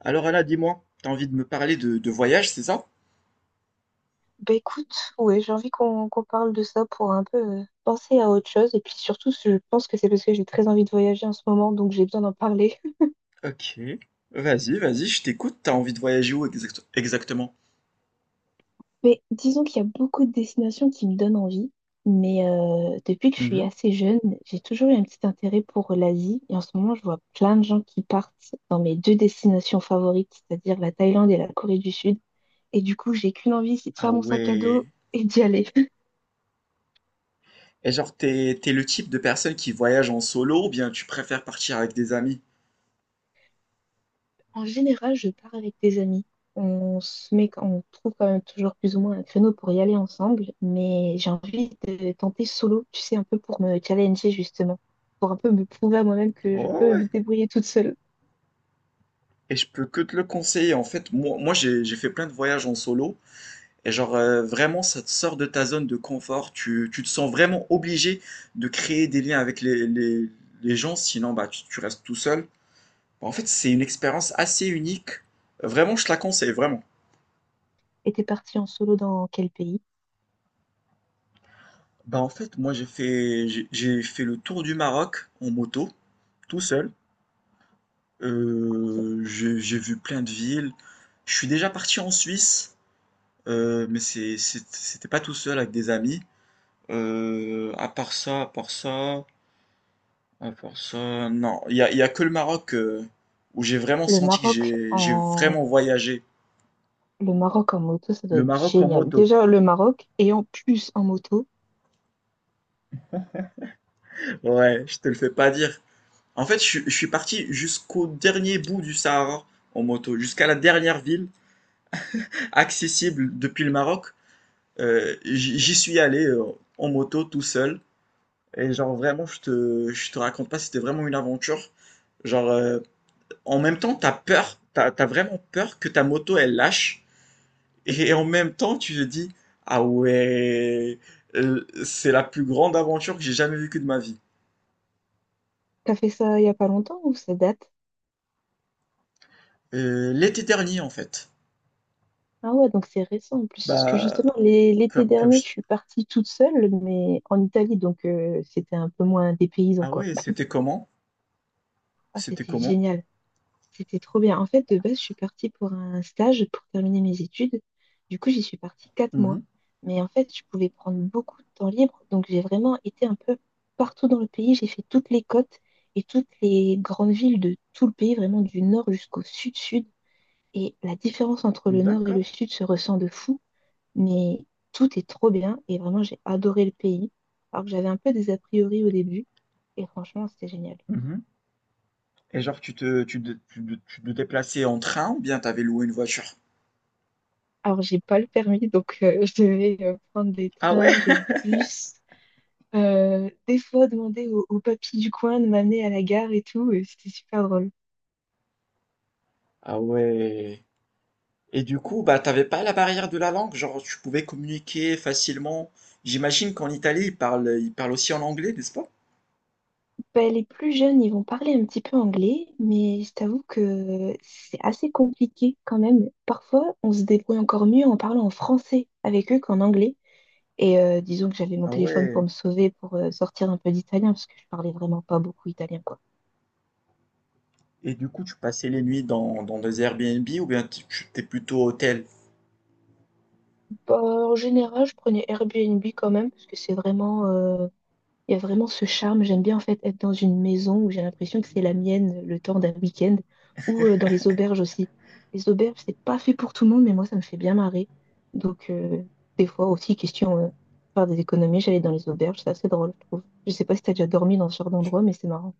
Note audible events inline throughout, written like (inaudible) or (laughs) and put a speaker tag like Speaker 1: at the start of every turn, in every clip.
Speaker 1: Alors Anna, dis-moi, t'as envie de me parler de voyage, c'est ça?
Speaker 2: Bah écoute, ouais, j'ai envie qu'on parle de ça pour un peu penser à autre chose. Et puis surtout, je pense que c'est parce que j'ai très envie de voyager en ce moment, donc j'ai besoin d'en parler.
Speaker 1: Ok. Vas-y, vas-y, je t'écoute. T'as envie de voyager où exactement?
Speaker 2: (laughs) Mais disons qu'il y a beaucoup de destinations qui me donnent envie. Mais depuis que je suis
Speaker 1: Mhm.
Speaker 2: assez jeune, j'ai toujours eu un petit intérêt pour l'Asie. Et en ce moment, je vois plein de gens qui partent dans mes deux destinations favorites, c'est-à-dire la Thaïlande et la Corée du Sud. Et du coup, j'ai qu'une envie, c'est de
Speaker 1: Ah
Speaker 2: faire mon sac à dos
Speaker 1: ouais.
Speaker 2: et d'y aller.
Speaker 1: Et genre, t'es le type de personne qui voyage en solo ou bien tu préfères partir avec des amis?
Speaker 2: En général, je pars avec des amis. On se met, on trouve quand même toujours plus ou moins un créneau pour y aller ensemble, mais j'ai envie de tenter solo, tu sais, un peu pour me challenger justement, pour un peu me prouver à moi-même que je
Speaker 1: Oh
Speaker 2: peux
Speaker 1: ouais.
Speaker 2: me débrouiller toute seule.
Speaker 1: Et je peux que te le conseiller. En fait, j'ai fait plein de voyages en solo. Et genre, vraiment, ça te sort de ta zone de confort. Tu te sens vraiment obligé de créer des liens avec les gens. Sinon, bah, tu restes tout seul. En fait, c'est une expérience assez unique. Vraiment, je te la conseille, vraiment.
Speaker 2: Et t'es partie en solo dans quel pays?
Speaker 1: Bah en fait, moi j'ai fait le tour du Maroc en moto, tout seul. J'ai vu plein de villes. Je suis déjà parti en Suisse, mais c'était pas tout seul, avec des amis. Euh, à part ça, à part ça, à part ça, non, il y a que le Maroc où j'ai vraiment
Speaker 2: Le
Speaker 1: senti que
Speaker 2: Maroc
Speaker 1: j'ai vraiment
Speaker 2: en
Speaker 1: voyagé.
Speaker 2: le Maroc en moto, ça doit
Speaker 1: Le
Speaker 2: être
Speaker 1: Maroc en
Speaker 2: génial.
Speaker 1: moto.
Speaker 2: Déjà le Maroc et en plus en moto.
Speaker 1: Ouais, je te le fais pas dire. En fait, je suis parti jusqu'au dernier bout du Sahara en moto, jusqu'à la dernière ville accessible depuis le Maroc. J'y suis allé en moto, tout seul. Et genre vraiment, je te raconte pas, c'était vraiment une aventure. Genre, en même temps, t'as peur, t'as vraiment peur que ta moto, elle lâche. Et en même temps, tu te dis, ah ouais, c'est la plus grande aventure que j'ai jamais vécue de ma vie.
Speaker 2: T'as fait ça il y a pas longtemps ou ça date?
Speaker 1: L'été dernier, en fait.
Speaker 2: Ah ouais, donc c'est récent en plus. Parce que
Speaker 1: Bah,
Speaker 2: justement, l'été
Speaker 1: comme
Speaker 2: dernier, je
Speaker 1: je-
Speaker 2: suis partie toute seule, mais en Italie, donc c'était un peu moins dépaysant,
Speaker 1: Ah
Speaker 2: quoi.
Speaker 1: ouais, c'était comment?
Speaker 2: Ah,
Speaker 1: C'était
Speaker 2: c'était
Speaker 1: comment?
Speaker 2: génial. C'était trop bien. En fait, de base, je suis partie pour un stage pour terminer mes études. Du coup, j'y suis partie 4 mois.
Speaker 1: Mmh.
Speaker 2: Mais en fait, je pouvais prendre beaucoup de temps libre. Donc, j'ai vraiment été un peu partout dans le pays. J'ai fait toutes les côtes et toutes les grandes villes de tout le pays, vraiment du nord jusqu'au sud-sud. Et la différence entre le nord et le
Speaker 1: D'accord.
Speaker 2: sud se ressent de fou. Mais tout est trop bien et vraiment, j'ai adoré le pays. Alors que j'avais un peu des a priori au début et franchement, c'était génial.
Speaker 1: Mmh. Et genre tu te déplaçais en train ou bien t'avais loué une voiture?
Speaker 2: Alors, j'ai pas le permis, donc (laughs) je devais prendre des
Speaker 1: Ah ouais?
Speaker 2: trains, des bus, des fois demander au papy du coin de m'amener à la gare et tout. Et c'était super drôle.
Speaker 1: Ah ouais. Et du coup, bah, t'avais pas la barrière de la langue? Genre tu pouvais communiquer facilement? J'imagine qu'en Italie, ils parlent aussi en anglais, n'est-ce pas?
Speaker 2: Ben, les plus jeunes, ils vont parler un petit peu anglais, mais je t'avoue que c'est assez compliqué quand même. Parfois, on se débrouille encore mieux en parlant en français avec eux qu'en anglais. Et disons que j'avais mon
Speaker 1: Ah
Speaker 2: téléphone pour
Speaker 1: ouais.
Speaker 2: me sauver, pour sortir un peu d'italien, parce que je parlais vraiment pas beaucoup italien, quoi.
Speaker 1: Et du coup, tu passais les nuits dans des Airbnb ou bien tu étais plutôt hôtel?
Speaker 2: Bah, en général, je prenais Airbnb quand même, parce que c'est vraiment, il y a vraiment ce charme. J'aime bien en fait être dans une maison où j'ai l'impression que c'est la mienne le temps d'un week-end, ou dans les auberges aussi. Les auberges, c'est pas fait pour tout le monde, mais moi, ça me fait bien marrer. Donc, des fois aussi, question, faire des économies, j'allais dans les auberges, c'est assez drôle, je trouve. Je sais pas si t'as déjà dormi dans ce genre d'endroit, mais c'est marrant.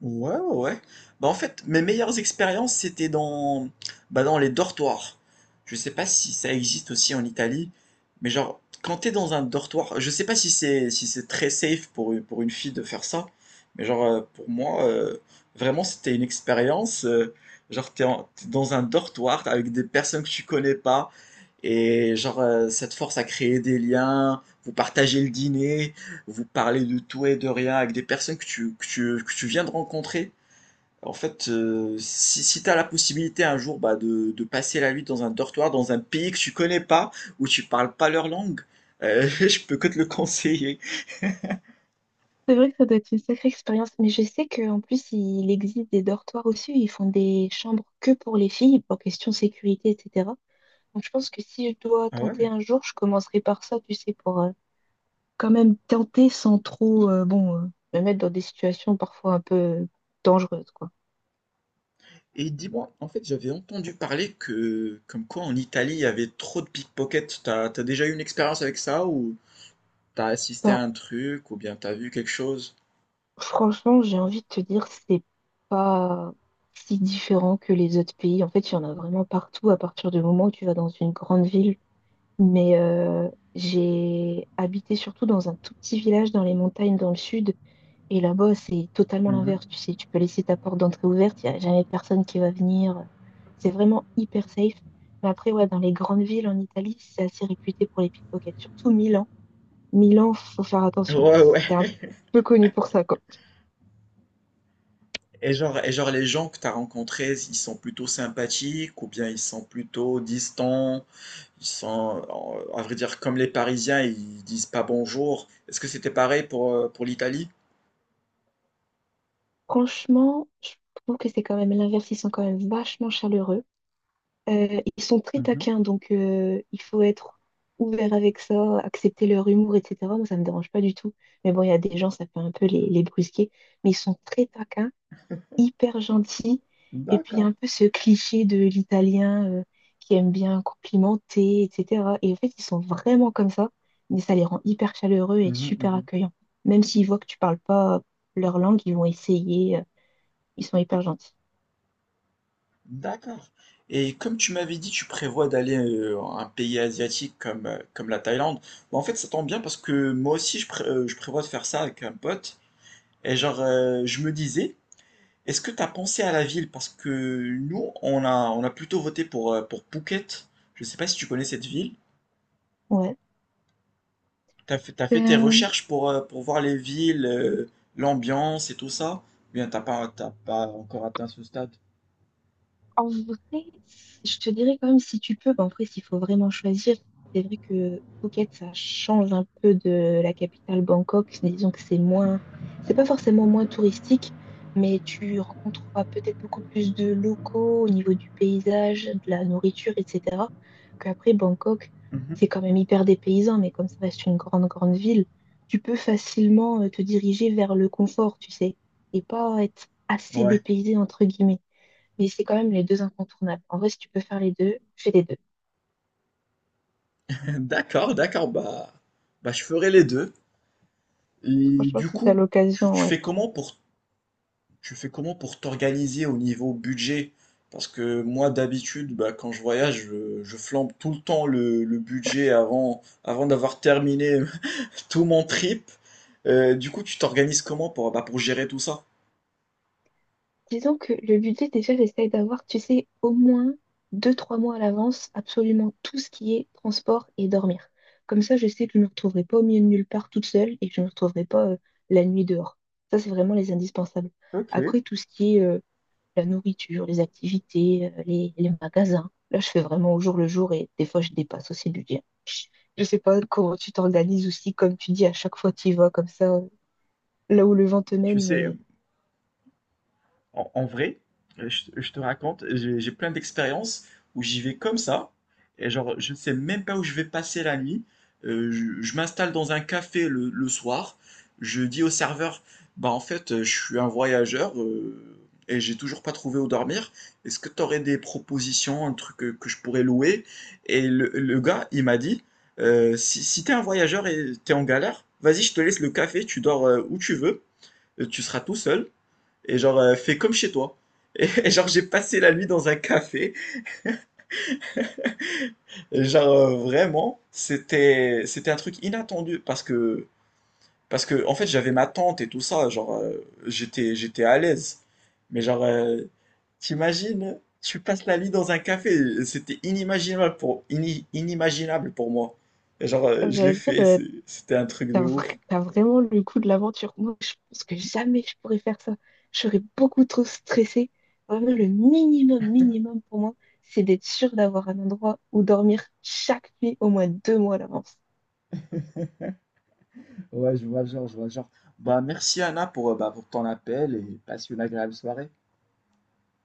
Speaker 1: Ouais, ouais, ouais. Bah, en fait, mes meilleures expériences, bah, dans les dortoirs. Je sais pas si ça existe aussi en Italie, mais genre, quand t'es dans un dortoir, je sais pas si c'est si c'est très safe pour une fille de faire ça, mais genre, pour moi, vraiment, c'était une expérience. Genre, t'es dans un dortoir avec des personnes que tu connais pas, et genre, ça te force à créer des liens, vous partagez le dîner, vous parlez de tout et de rien avec des personnes que que tu viens de rencontrer. En fait, si tu as la possibilité un jour, bah, de passer la nuit dans un dortoir, dans un pays que tu connais pas, où tu parles pas leur langue, (laughs) je peux que te le conseiller.
Speaker 2: C'est vrai que ça doit être une sacrée expérience, mais je sais qu'en plus, il existe des dortoirs aussi, où ils font des chambres que pour les filles, pour question sécurité, etc. Donc je pense que si je dois
Speaker 1: Ah
Speaker 2: tenter
Speaker 1: ouais?
Speaker 2: un jour, je commencerai par ça, tu sais, pour quand même tenter sans trop, bon, me mettre dans des situations parfois un peu dangereuses, quoi.
Speaker 1: Et dis-moi, en fait, j'avais entendu parler que, comme quoi en Italie, il y avait trop de pickpockets. T'as déjà eu une expérience avec ça, ou t'as assisté à
Speaker 2: Bah,
Speaker 1: un truc, ou bien t'as vu quelque chose?
Speaker 2: franchement, j'ai envie de te dire, c'est pas si différent que les autres pays. En fait, il y en a vraiment partout à partir du moment où tu vas dans une grande ville. Mais j'ai habité surtout dans un tout petit village dans les montagnes dans le sud. Et là-bas, c'est totalement
Speaker 1: Mhm.
Speaker 2: l'inverse. Tu sais, tu peux laisser ta porte d'entrée ouverte, il n'y a jamais personne qui va venir. C'est vraiment hyper safe. Mais après, ouais, dans les grandes villes en Italie, c'est assez réputé pour les pickpockets, surtout Milan. Milan, faut faire attention.
Speaker 1: Ouais, ouais.
Speaker 2: C'est un peu connu pour ça, quoi.
Speaker 1: Et genre les gens que tu as rencontrés, ils sont plutôt sympathiques ou bien ils sont plutôt distants, ils sont, à vrai dire, comme les Parisiens, ils disent pas bonjour. Est-ce que c'était pareil pour l'Italie?
Speaker 2: Franchement, je trouve que c'est quand même l'inverse. Ils sont quand même vachement chaleureux. Ils sont très
Speaker 1: Mhm.
Speaker 2: taquins, donc il faut être ouvert avec ça, accepter leur humour, etc. Moi, ça me dérange pas du tout. Mais bon, il y a des gens, ça peut un peu les brusquer. Mais ils sont très taquins, hyper gentils. Et puis, il y a
Speaker 1: D'accord.
Speaker 2: un peu ce cliché de l'italien qui aime bien complimenter, etc. Et en fait, ils sont vraiment comme ça, mais ça les rend hyper chaleureux et
Speaker 1: Mhm,
Speaker 2: super
Speaker 1: mhm.
Speaker 2: accueillants. Même s'ils voient que tu parles pas leur langue, ils vont essayer. Ils sont hyper gentils.
Speaker 1: D'accord. Et comme tu m'avais dit, tu prévois d'aller à un pays asiatique comme, comme la Thaïlande. Bah, en fait, ça tombe bien parce que moi aussi, je prévois de faire ça avec un pote. Et genre, je me disais, est-ce que tu as pensé à la ville? Parce que nous, on a plutôt voté pour Phuket. Je ne sais pas si tu connais cette ville.
Speaker 2: Ouais.
Speaker 1: T'as fait tes recherches pour voir les villes, l'ambiance et tout ça? Ou bien t'as pas encore atteint ce stade?
Speaker 2: En vrai, je te dirais quand même si tu peux, bah, en vrai, s'il faut vraiment choisir, c'est vrai que Phuket, ça change un peu de la capitale Bangkok. Disons que c'est moins, c'est pas forcément moins touristique, mais tu rencontreras peut-être beaucoup plus de locaux au niveau du paysage, de la nourriture, etc. Qu'après Bangkok,
Speaker 1: Mhm.
Speaker 2: c'est quand même hyper dépaysant, mais comme ça reste une grande, grande ville, tu peux facilement te diriger vers le confort, tu sais, et pas être assez
Speaker 1: Ouais.
Speaker 2: dépaysé, entre guillemets, mais c'est quand même les deux incontournables. En vrai, si tu peux faire les deux, fais les deux.
Speaker 1: (laughs) D'accord, d'accord. Bah, bah, je ferai les deux. Et
Speaker 2: Franchement,
Speaker 1: du
Speaker 2: si t'as
Speaker 1: coup, tu,
Speaker 2: l'occasion,
Speaker 1: tu
Speaker 2: ouais.
Speaker 1: fais comment pour tu fais comment pour t'organiser au niveau budget? Parce que moi, d'habitude, bah, quand je voyage, je flambe tout le temps le budget avant, avant d'avoir terminé (laughs) tout mon trip. Du coup, tu t'organises comment pour, bah, pour gérer tout ça?
Speaker 2: Disons que le budget, déjà, j'essaye d'avoir, tu sais, au moins 2, 3 mois à l'avance, absolument tout ce qui est transport et dormir. Comme ça, je sais que je ne me retrouverai pas au milieu de nulle part toute seule et que je ne me retrouverai pas la nuit dehors. Ça, c'est vraiment les indispensables.
Speaker 1: Ok,
Speaker 2: Après, tout ce qui est la nourriture, les activités, les magasins, là, je fais vraiment au jour le jour et des fois, je dépasse aussi le budget. Je sais pas comment tu t'organises aussi, comme tu dis, à chaque fois tu y vas comme ça, là où le vent te
Speaker 1: tu
Speaker 2: mène,
Speaker 1: sais,
Speaker 2: mais
Speaker 1: En vrai, je te raconte, j'ai plein d'expériences où j'y vais comme ça, et genre, je ne sais même pas où je vais passer la nuit. Je m'installe dans un café le soir. Je dis au serveur, bah en fait, je suis un voyageur, et j'ai toujours pas trouvé où dormir. Est-ce que tu aurais des propositions, un truc que je pourrais louer? Et le gars, il m'a dit, si t'es un voyageur et t'es en galère, vas-y, je te laisse le café, tu dors où tu veux, tu seras tout seul, et genre fais comme chez toi. Et, (laughs) et genre j'ai passé la nuit dans un café. Et genre vraiment, c'était un truc inattendu, parce que en fait j'avais ma tante et tout ça, genre j'étais à l'aise. Mais genre t'imagines, tu passes la nuit dans un café, c'était inimaginable inimaginable pour moi. Et genre je l'ai
Speaker 2: j'allais dire,
Speaker 1: fait, c'était un truc de ouf.
Speaker 2: t'as vraiment le coup de l'aventure. Moi, je pense que jamais je pourrais faire ça. Je serais beaucoup trop stressée. Vraiment, le minimum, minimum pour moi, c'est d'être sûre d'avoir un endroit où dormir chaque nuit au moins 2 mois à l'avance.
Speaker 1: Bah merci Anna pour, bah, pour ton appel, et passe une agréable soirée.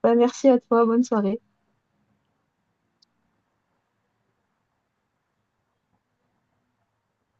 Speaker 2: Bah, merci à toi, bonne soirée.